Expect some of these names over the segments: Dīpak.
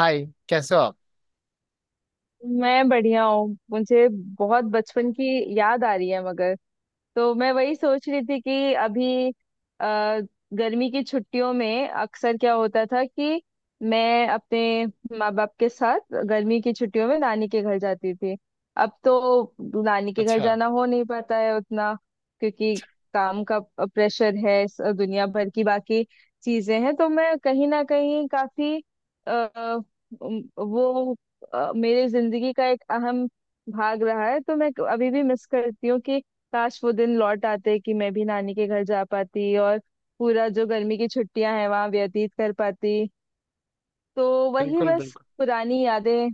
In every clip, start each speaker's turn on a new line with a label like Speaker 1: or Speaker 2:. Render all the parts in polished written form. Speaker 1: हाय। कैसे हो आप?
Speaker 2: मैं बढ़िया हूँ। मुझे बहुत बचपन की याद आ रही है मगर तो मैं वही सोच रही थी कि अभी अ, गर्मी की छुट्टियों में अक्सर क्या होता था कि मैं अपने माँ बाप के साथ गर्मी की छुट्टियों में नानी के घर जाती थी। अब तो नानी के घर
Speaker 1: अच्छा।
Speaker 2: जाना हो नहीं पाता है उतना क्योंकि काम का प्रेशर है, दुनिया भर की बाकी चीजें हैं, तो मैं कहीं ना कहीं काफी आ, वो मेरे जिंदगी का एक अहम भाग रहा है, तो मैं अभी भी मिस करती हूँ कि काश वो दिन लौट आते कि मैं भी नानी के घर जा पाती और पूरा जो गर्मी की छुट्टियां हैं वहां व्यतीत कर पाती। तो वही
Speaker 1: बिल्कुल
Speaker 2: बस
Speaker 1: बिल्कुल।
Speaker 2: पुरानी यादें।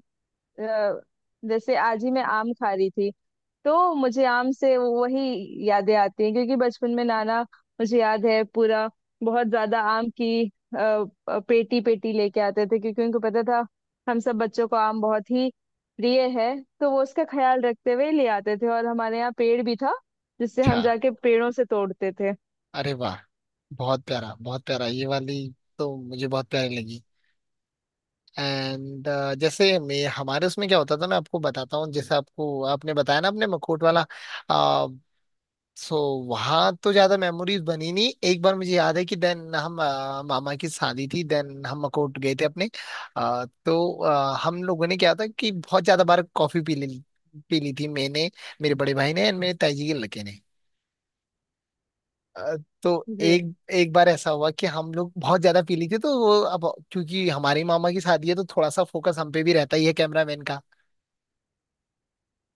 Speaker 2: अ, जैसे आज ही मैं आम खा रही थी तो मुझे आम से वही यादें आती हैं, क्योंकि बचपन में नाना, मुझे याद है पूरा, बहुत ज्यादा आम की अ, पेटी पेटी लेके आते थे क्योंकि उनको पता था हम सब बच्चों को आम बहुत ही प्रिय है। तो वो उसका ख्याल रखते हुए ले आते थे, और हमारे यहाँ पेड़ भी था जिससे
Speaker 1: अच्छा।
Speaker 2: हम जाके पेड़ों से तोड़ते थे।
Speaker 1: अरे वाह, बहुत प्यारा बहुत प्यारा, ये वाली तो मुझे बहुत प्यारी लगी। एंड जैसे मैं, हमारे उसमें क्या होता था मैं आपको बताता हूँ। जैसे आपको, आपने बताया ना अपने मखोट वाला, सो वहाँ तो ज्यादा मेमोरीज बनी नहीं। एक बार मुझे याद है कि देन हम मामा की शादी थी, देन हम मखोट गए थे अपने। तो हम लोगों ने क्या था कि बहुत ज्यादा बार कॉफी पी ली। पी ली थी मैंने, मेरे बड़े भाई ने एंड मेरे ताई जी के लड़के ने। अ, तो
Speaker 2: जी
Speaker 1: एक एक बार ऐसा हुआ कि हम लोग बहुत ज्यादा पी ली थी, तो वो अब, क्योंकि हमारी मामा की शादी है तो थोड़ा सा फोकस हम पे भी रहता ही है कैमरामैन का।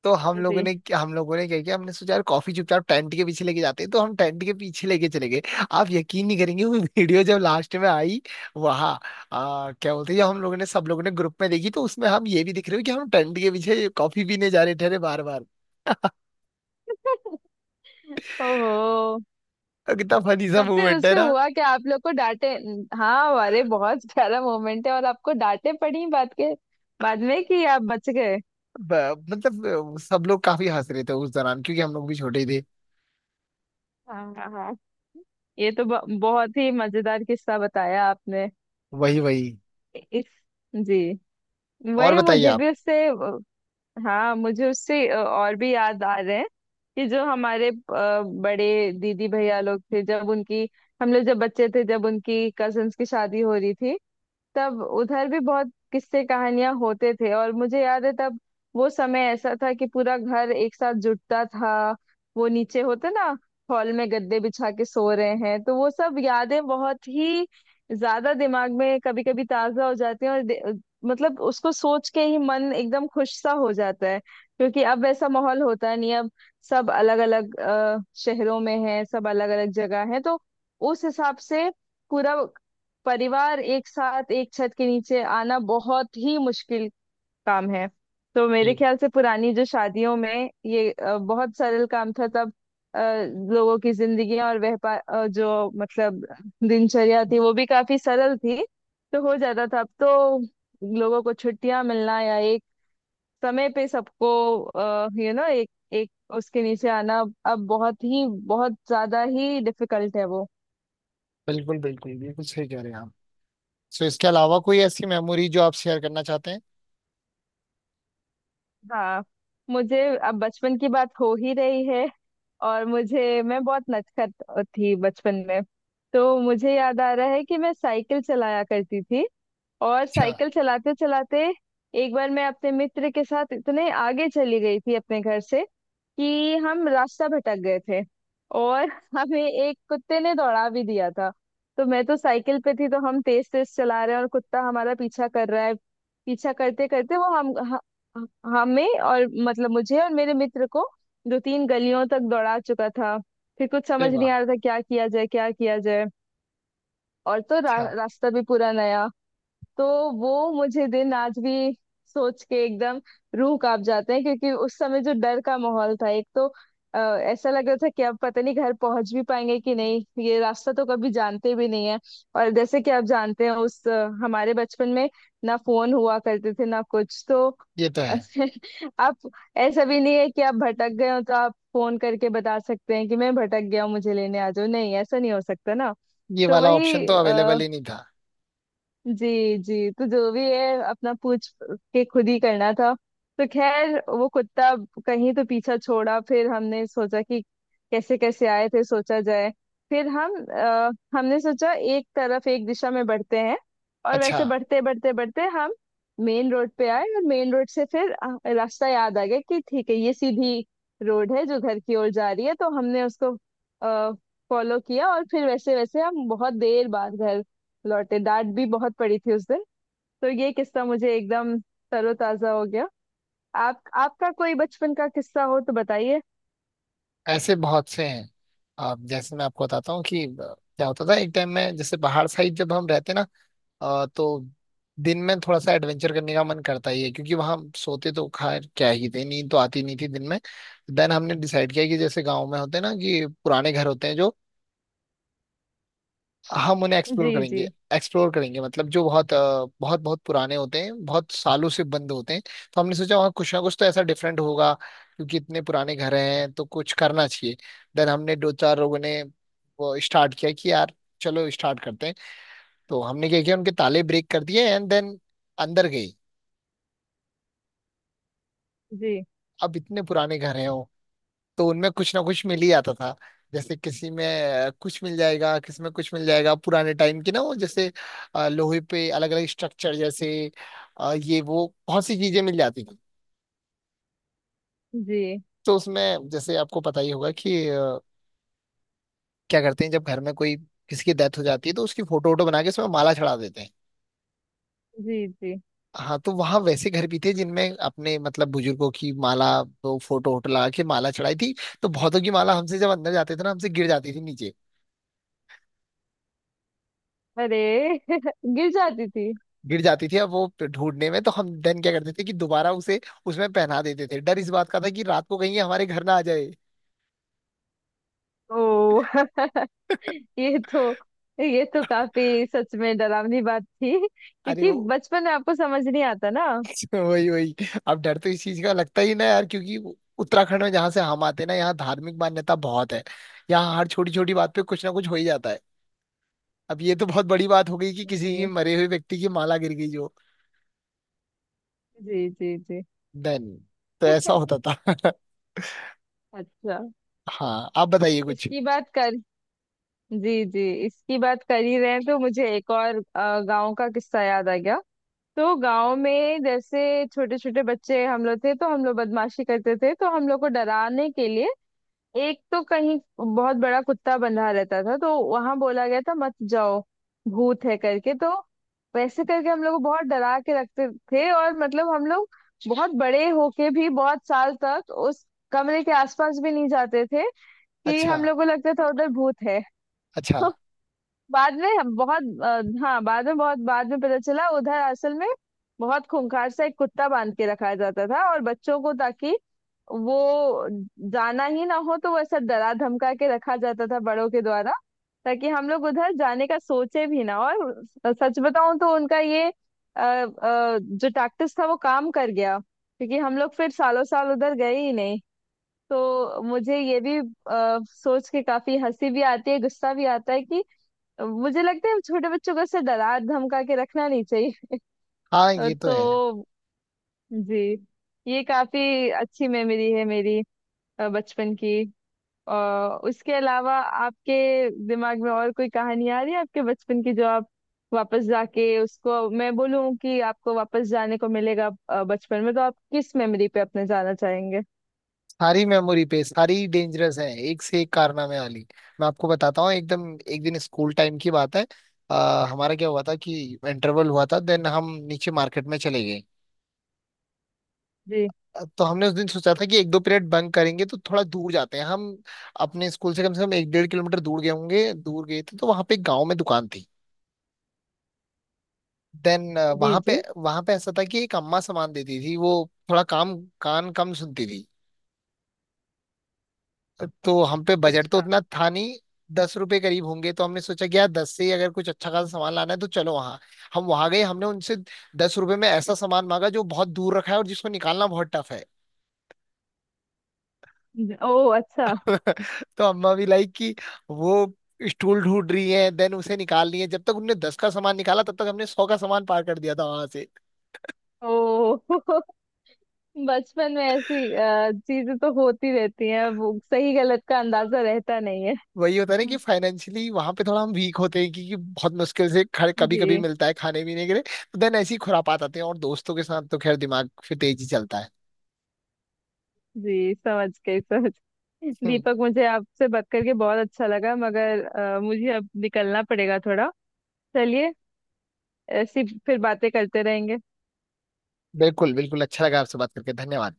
Speaker 1: तो हम लोगों ने
Speaker 2: जी।
Speaker 1: हम लोगों ने क्या किया, हमने सोचा यार कॉफी चुपचाप टेंट के पीछे लेके जाते हैं, तो हम टेंट के पीछे लेके चले गए। आप यकीन नहीं करेंगे, वो वीडियो जब लास्ट में आई वहाँ, क्या बोलते हैं, जब हम लोगों ने, सब लोगों ने ग्रुप में देखी, तो उसमें हम ये भी दिख रहे हो कि हम टेंट के पीछे कॉफी पीने जा रहे थे। अरे बार बार,
Speaker 2: ओहो।
Speaker 1: कितना फनी सा
Speaker 2: तब फिर
Speaker 1: मूवमेंट है
Speaker 2: उससे
Speaker 1: ना।
Speaker 2: हुआ कि आप लोग को डांटे? हाँ, अरे बहुत प्यारा मोमेंट है, और आपको डांटे पड़ी बात के बाद में कि आप बच गए।
Speaker 1: मतलब सब लोग काफी हंस रहे थे उस दौरान, क्योंकि हम लोग भी छोटे ही थे।
Speaker 2: हाँ हाँ हाँ। ये तो बहुत ही मजेदार किस्सा बताया आपने।
Speaker 1: वही वही।
Speaker 2: इस, जी,
Speaker 1: और
Speaker 2: वही
Speaker 1: बताइए
Speaker 2: मुझे
Speaker 1: आप।
Speaker 2: भी उससे हाँ, मुझे उससे और भी याद आ रहे हैं कि जो हमारे बड़े दीदी भैया लोग थे जब उनकी, हम लोग जब बच्चे थे, जब उनकी कजन्स की शादी हो रही थी तब उधर भी बहुत किस्से कहानियां होते थे। और मुझे याद है तब वो समय ऐसा था कि पूरा घर एक साथ जुटता था। वो नीचे होते ना हॉल में गद्दे बिछा के सो रहे हैं, तो वो सब यादें बहुत ही ज्यादा दिमाग में कभी कभी ताजा हो जाती हैं। और मतलब उसको सोच के ही मन एकदम खुश सा हो जाता है, क्योंकि अब ऐसा माहौल होता नहीं। अब सब अलग अलग शहरों में हैं, सब अलग अलग जगह है, तो उस हिसाब से पूरा परिवार एक साथ एक छत के नीचे आना बहुत ही मुश्किल काम है। तो मेरे
Speaker 1: ये-
Speaker 2: ख्याल से पुरानी जो शादियों में ये बहुत सरल काम था तब। अ, लोगों की जिंदगी और व्यापार, जो मतलब दिनचर्या थी, वो भी काफी सरल थी तो हो जाता था। अब तो लोगों को छुट्टियां मिलना या एक समय पे सबको, यू नो, एक एक उसके नीचे आना अब बहुत ही बहुत ज्यादा ही डिफिकल्ट है वो।
Speaker 1: बिल्कुल बिल्कुल, बिल्कुल सही कह रहे हैं आप। सो इसके अलावा कोई ऐसी मेमोरी जो आप शेयर करना चाहते हैं?
Speaker 2: हाँ, मुझे, अब बचपन की बात हो ही रही है, और मुझे, मैं बहुत नटखट थी बचपन में, तो मुझे याद आ रहा है कि मैं साइकिल चलाया करती थी। और
Speaker 1: अच्छा।
Speaker 2: साइकिल चलाते चलाते एक बार मैं अपने मित्र के साथ इतने आगे चली गई थी अपने घर से कि हम रास्ता भटक गए थे। और हमें एक कुत्ते ने दौड़ा भी दिया था। तो मैं तो साइकिल पे थी, तो हम तेज तेज चला रहे हैं और कुत्ता हमारा पीछा कर रहा है। पीछा करते करते वो हम ह- हमें, और मतलब मुझे और मेरे मित्र को दो तीन गलियों तक दौड़ा चुका था। फिर कुछ
Speaker 1: अरे
Speaker 2: समझ नहीं
Speaker 1: वाह।
Speaker 2: आ रहा था क्या किया जाए, क्या किया जाए। और तो
Speaker 1: अच्छा।
Speaker 2: रास्ता भी पूरा नया। तो वो मुझे दिन आज भी सोच के एकदम रूह कांप जाते हैं, क्योंकि उस समय जो डर का माहौल था एक तो, ऐसा लग रहा था कि अब पता नहीं घर पहुंच भी पाएंगे कि नहीं, ये रास्ता तो कभी जानते भी नहीं है। और जैसे कि आप जानते हैं उस हमारे बचपन में ना फोन हुआ करते थे ना कुछ, तो
Speaker 1: ये तो है।
Speaker 2: आप, ऐसा भी नहीं है कि आप भटक गए हो तो आप फोन करके बता सकते हैं कि मैं भटक गया हूँ मुझे लेने आ जाओ। नहीं, ऐसा नहीं हो सकता ना।
Speaker 1: ये
Speaker 2: तो
Speaker 1: वाला
Speaker 2: वही,
Speaker 1: ऑप्शन तो अवेलेबल ही नहीं था।
Speaker 2: जी जी, तो जो भी है अपना पूछ के खुद ही करना था। तो खैर वो कुत्ता कहीं तो पीछा छोड़ा, फिर हमने सोचा कि कैसे कैसे आए थे सोचा जाए। फिर हम, हमने सोचा एक तरफ एक दिशा में बढ़ते हैं, और
Speaker 1: अच्छा।
Speaker 2: वैसे बढ़ते बढ़ते बढ़ते हम मेन रोड पे आए। और मेन रोड से फिर रास्ता याद आ गया कि ठीक है ये सीधी रोड है जो घर की ओर जा रही है, तो हमने उसको फॉलो किया। और फिर वैसे वैसे हम बहुत देर बाद घर लौटे। डांट भी बहुत पड़ी थी उस दिन। तो ये किस्सा मुझे एकदम तरोताजा हो गया। आप, आपका कोई बचपन का किस्सा हो तो बताइए।
Speaker 1: ऐसे बहुत से हैं आप। जैसे मैं आपको बताता हूँ कि क्या होता था, एक टाइम में जैसे पहाड़ साइड जब हम रहते ना, तो दिन में थोड़ा सा एडवेंचर करने का मन करता ही है, क्योंकि वहां सोते तो खैर क्या ही थे, नींद तो आती नहीं थी दिन में। देन हमने डिसाइड किया कि जैसे गांव में होते हैं ना कि पुराने घर होते हैं जो, हम उन्हें एक्सप्लोर
Speaker 2: जी
Speaker 1: करेंगे।
Speaker 2: जी
Speaker 1: एक्सप्लोर करेंगे मतलब जो बहुत बहुत बहुत पुराने होते हैं, बहुत सालों से बंद होते हैं। तो हमने सोचा वहाँ कुछ ना कुछ तो ऐसा डिफरेंट होगा, क्योंकि इतने पुराने घर हैं तो कुछ करना चाहिए। देन हमने दो चार लोगों ने वो स्टार्ट किया कि यार चलो स्टार्ट करते हैं। तो हमने क्या किया, उनके ताले ब्रेक कर दिए एंड देन अंदर गए।
Speaker 2: जी।
Speaker 1: अब इतने पुराने घर हैं, तो उनमें कुछ ना कुछ मिल ही आता था। जैसे किसी में कुछ मिल जाएगा, किसी में कुछ मिल जाएगा, पुराने टाइम की ना वो, जैसे लोहे पे अलग अलग स्ट्रक्चर, जैसे ये वो बहुत सी चीजें मिल जाती थी।
Speaker 2: जी
Speaker 1: तो उसमें जैसे आपको पता ही होगा कि क्या करते हैं, जब घर में कोई, किसी की डेथ हो जाती है, तो उसकी फोटो वोटो बना के उसमें माला चढ़ा देते हैं।
Speaker 2: जी जी।
Speaker 1: हाँ, तो वहाँ वैसे घर भी थे जिनमें अपने मतलब बुजुर्गों की माला, वो फोटो वोटो लगा के माला चढ़ाई थी। तो बहुतों की माला हमसे, जब अंदर जाते थे ना, हमसे गिर जाती थी नीचे।
Speaker 2: अरे, गिर जाती थी।
Speaker 1: गिर जाती थी। अब वो ढूंढने में तो हम देन क्या करते थे कि दोबारा उसे उसमें पहना देते थे। डर इस बात का था कि रात को कहीं ये हमारे घर ना आ जाए।
Speaker 2: ओ, ये तो, ये तो काफी सच में डरावनी बात थी,
Speaker 1: अरे
Speaker 2: क्योंकि
Speaker 1: वो,
Speaker 2: बचपन में आपको समझ नहीं आता ना।
Speaker 1: वही वही। अब डर तो इस चीज का लगता ही ना यार, क्योंकि उत्तराखंड में जहाँ से हम आते हैं ना, यहाँ धार्मिक मान्यता बहुत है। यहाँ हर छोटी छोटी बात पे कुछ ना कुछ हो ही जाता है। अब ये तो बहुत बड़ी बात हो गई कि किसी की,
Speaker 2: जी
Speaker 1: मरे हुए व्यक्ति की माला गिर गई जो।
Speaker 2: जी जी जी।
Speaker 1: देन, तो ऐसा होता था।
Speaker 2: अच्छा।
Speaker 1: हाँ, आप बताइए कुछ।
Speaker 2: इसकी बात कर, जी जी, इसकी बात कर ही रहे हैं तो मुझे एक और गांव का किस्सा याद आ गया। तो गांव में जैसे छोटे छोटे बच्चे हम लोग थे, तो हम लोग बदमाशी करते थे, तो हम लोग को डराने के लिए एक तो कहीं बहुत बड़ा कुत्ता बंधा रहता था, तो वहां बोला गया था मत जाओ, भूत है करके। तो वैसे करके हम लोग को बहुत डरा के रखते थे, और मतलब हम लोग बहुत बड़े होके भी बहुत साल तक उस कमरे के आसपास भी नहीं जाते थे कि
Speaker 1: अच्छा।
Speaker 2: हम लोग को लगता था उधर भूत है।
Speaker 1: अच्छा।
Speaker 2: बाद में हम बहुत, हाँ, बाद में, बहुत बाद में पता चला उधर असल में बहुत खूंखार सा एक कुत्ता बांध के रखा जाता था, और बच्चों को ताकि वो जाना ही ना हो तो वो ऐसा डरा धमका के रखा जाता था बड़ों के द्वारा, ताकि हम लोग उधर जाने का सोचे भी ना। और सच बताऊं तो उनका ये जो टैक्टिस था वो काम कर गया, क्योंकि हम लोग फिर सालों साल उधर गए ही नहीं। तो मुझे ये भी सोच के काफी हंसी भी आती है, गुस्सा भी आता है कि मुझे लगता है हम छोटे बच्चों को ऐसे डरा धमका के रखना नहीं चाहिए।
Speaker 1: हाँ ये तो है।
Speaker 2: तो जी, ये काफी अच्छी मेमोरी है मेरी बचपन की। और उसके अलावा आपके दिमाग में और कोई कहानी आ रही है आपके बचपन की जो आप वापस जाके उसको, मैं बोलूं कि आपको वापस जाने को मिलेगा बचपन में, तो आप किस मेमोरी पे अपने जाना चाहेंगे?
Speaker 1: सारी मेमोरी पे। सारी डेंजरस है, एक से एक कारनामे वाली। मैं आपको बताता हूँ एकदम, एक दिन स्कूल टाइम की बात है। हमारा क्या हुआ था कि इंटरवल हुआ था, देन हम नीचे मार्केट में चले गए।
Speaker 2: जी
Speaker 1: तो हमने उस दिन सोचा था कि एक दो पीरियड बंक करेंगे, तो थोड़ा दूर जाते हैं हम। अपने स्कूल से कम एक डेढ़ किलोमीटर दूर गए होंगे, दूर गए थे। तो वहां पे एक गाँव में दुकान थी। देन
Speaker 2: जी
Speaker 1: वहां पे
Speaker 2: जी।
Speaker 1: वहां पे ऐसा था कि एक अम्मा सामान देती थी। वो थोड़ा काम कान कम सुनती थी। तो हम पे बजट तो
Speaker 2: अच्छा।
Speaker 1: उतना था नहीं, 10 रुपए करीब होंगे। तो हमने सोचा कि यार 10 से ही अगर कुछ अच्छा खासा सामान लाना है तो चलो वहाँ। हम वहां गए, हमने उनसे 10 रुपए में ऐसा सामान मांगा जो बहुत दूर रखा है और जिसको निकालना बहुत टफ है।
Speaker 2: ओ, अच्छा।
Speaker 1: तो अम्मा भी लाइक कि वो स्टूल ढूंढ रही है, देन उसे निकाल रही है। जब तक उनने 10 का सामान निकाला, तब तक हमने 100 का सामान पार कर दिया था वहां से।
Speaker 2: ओ, बचपन में ऐसी चीजें तो होती रहती हैं, वो सही गलत का अंदाजा रहता नहीं है।
Speaker 1: वही होता है ना कि
Speaker 2: हम्म।
Speaker 1: फाइनेंशियली वहां पे थोड़ा हम वीक होते हैं, क्योंकि बहुत मुश्किल से कभी कभी
Speaker 2: जी
Speaker 1: मिलता है खाने पीने के लिए। तो देन ऐसी खुरापात आते हैं, और दोस्तों के साथ तो खैर दिमाग फिर तेज ही चलता है।
Speaker 2: जी, समझ गई, समझ गई।
Speaker 1: हम्म।
Speaker 2: दीपक, मुझे आपसे बात करके बहुत अच्छा लगा, मगर मुझे अब निकलना पड़ेगा थोड़ा। चलिए, ऐसी फिर बातें करते रहेंगे।
Speaker 1: बिल्कुल बिल्कुल, अच्छा लगा आपसे बात करके, धन्यवाद।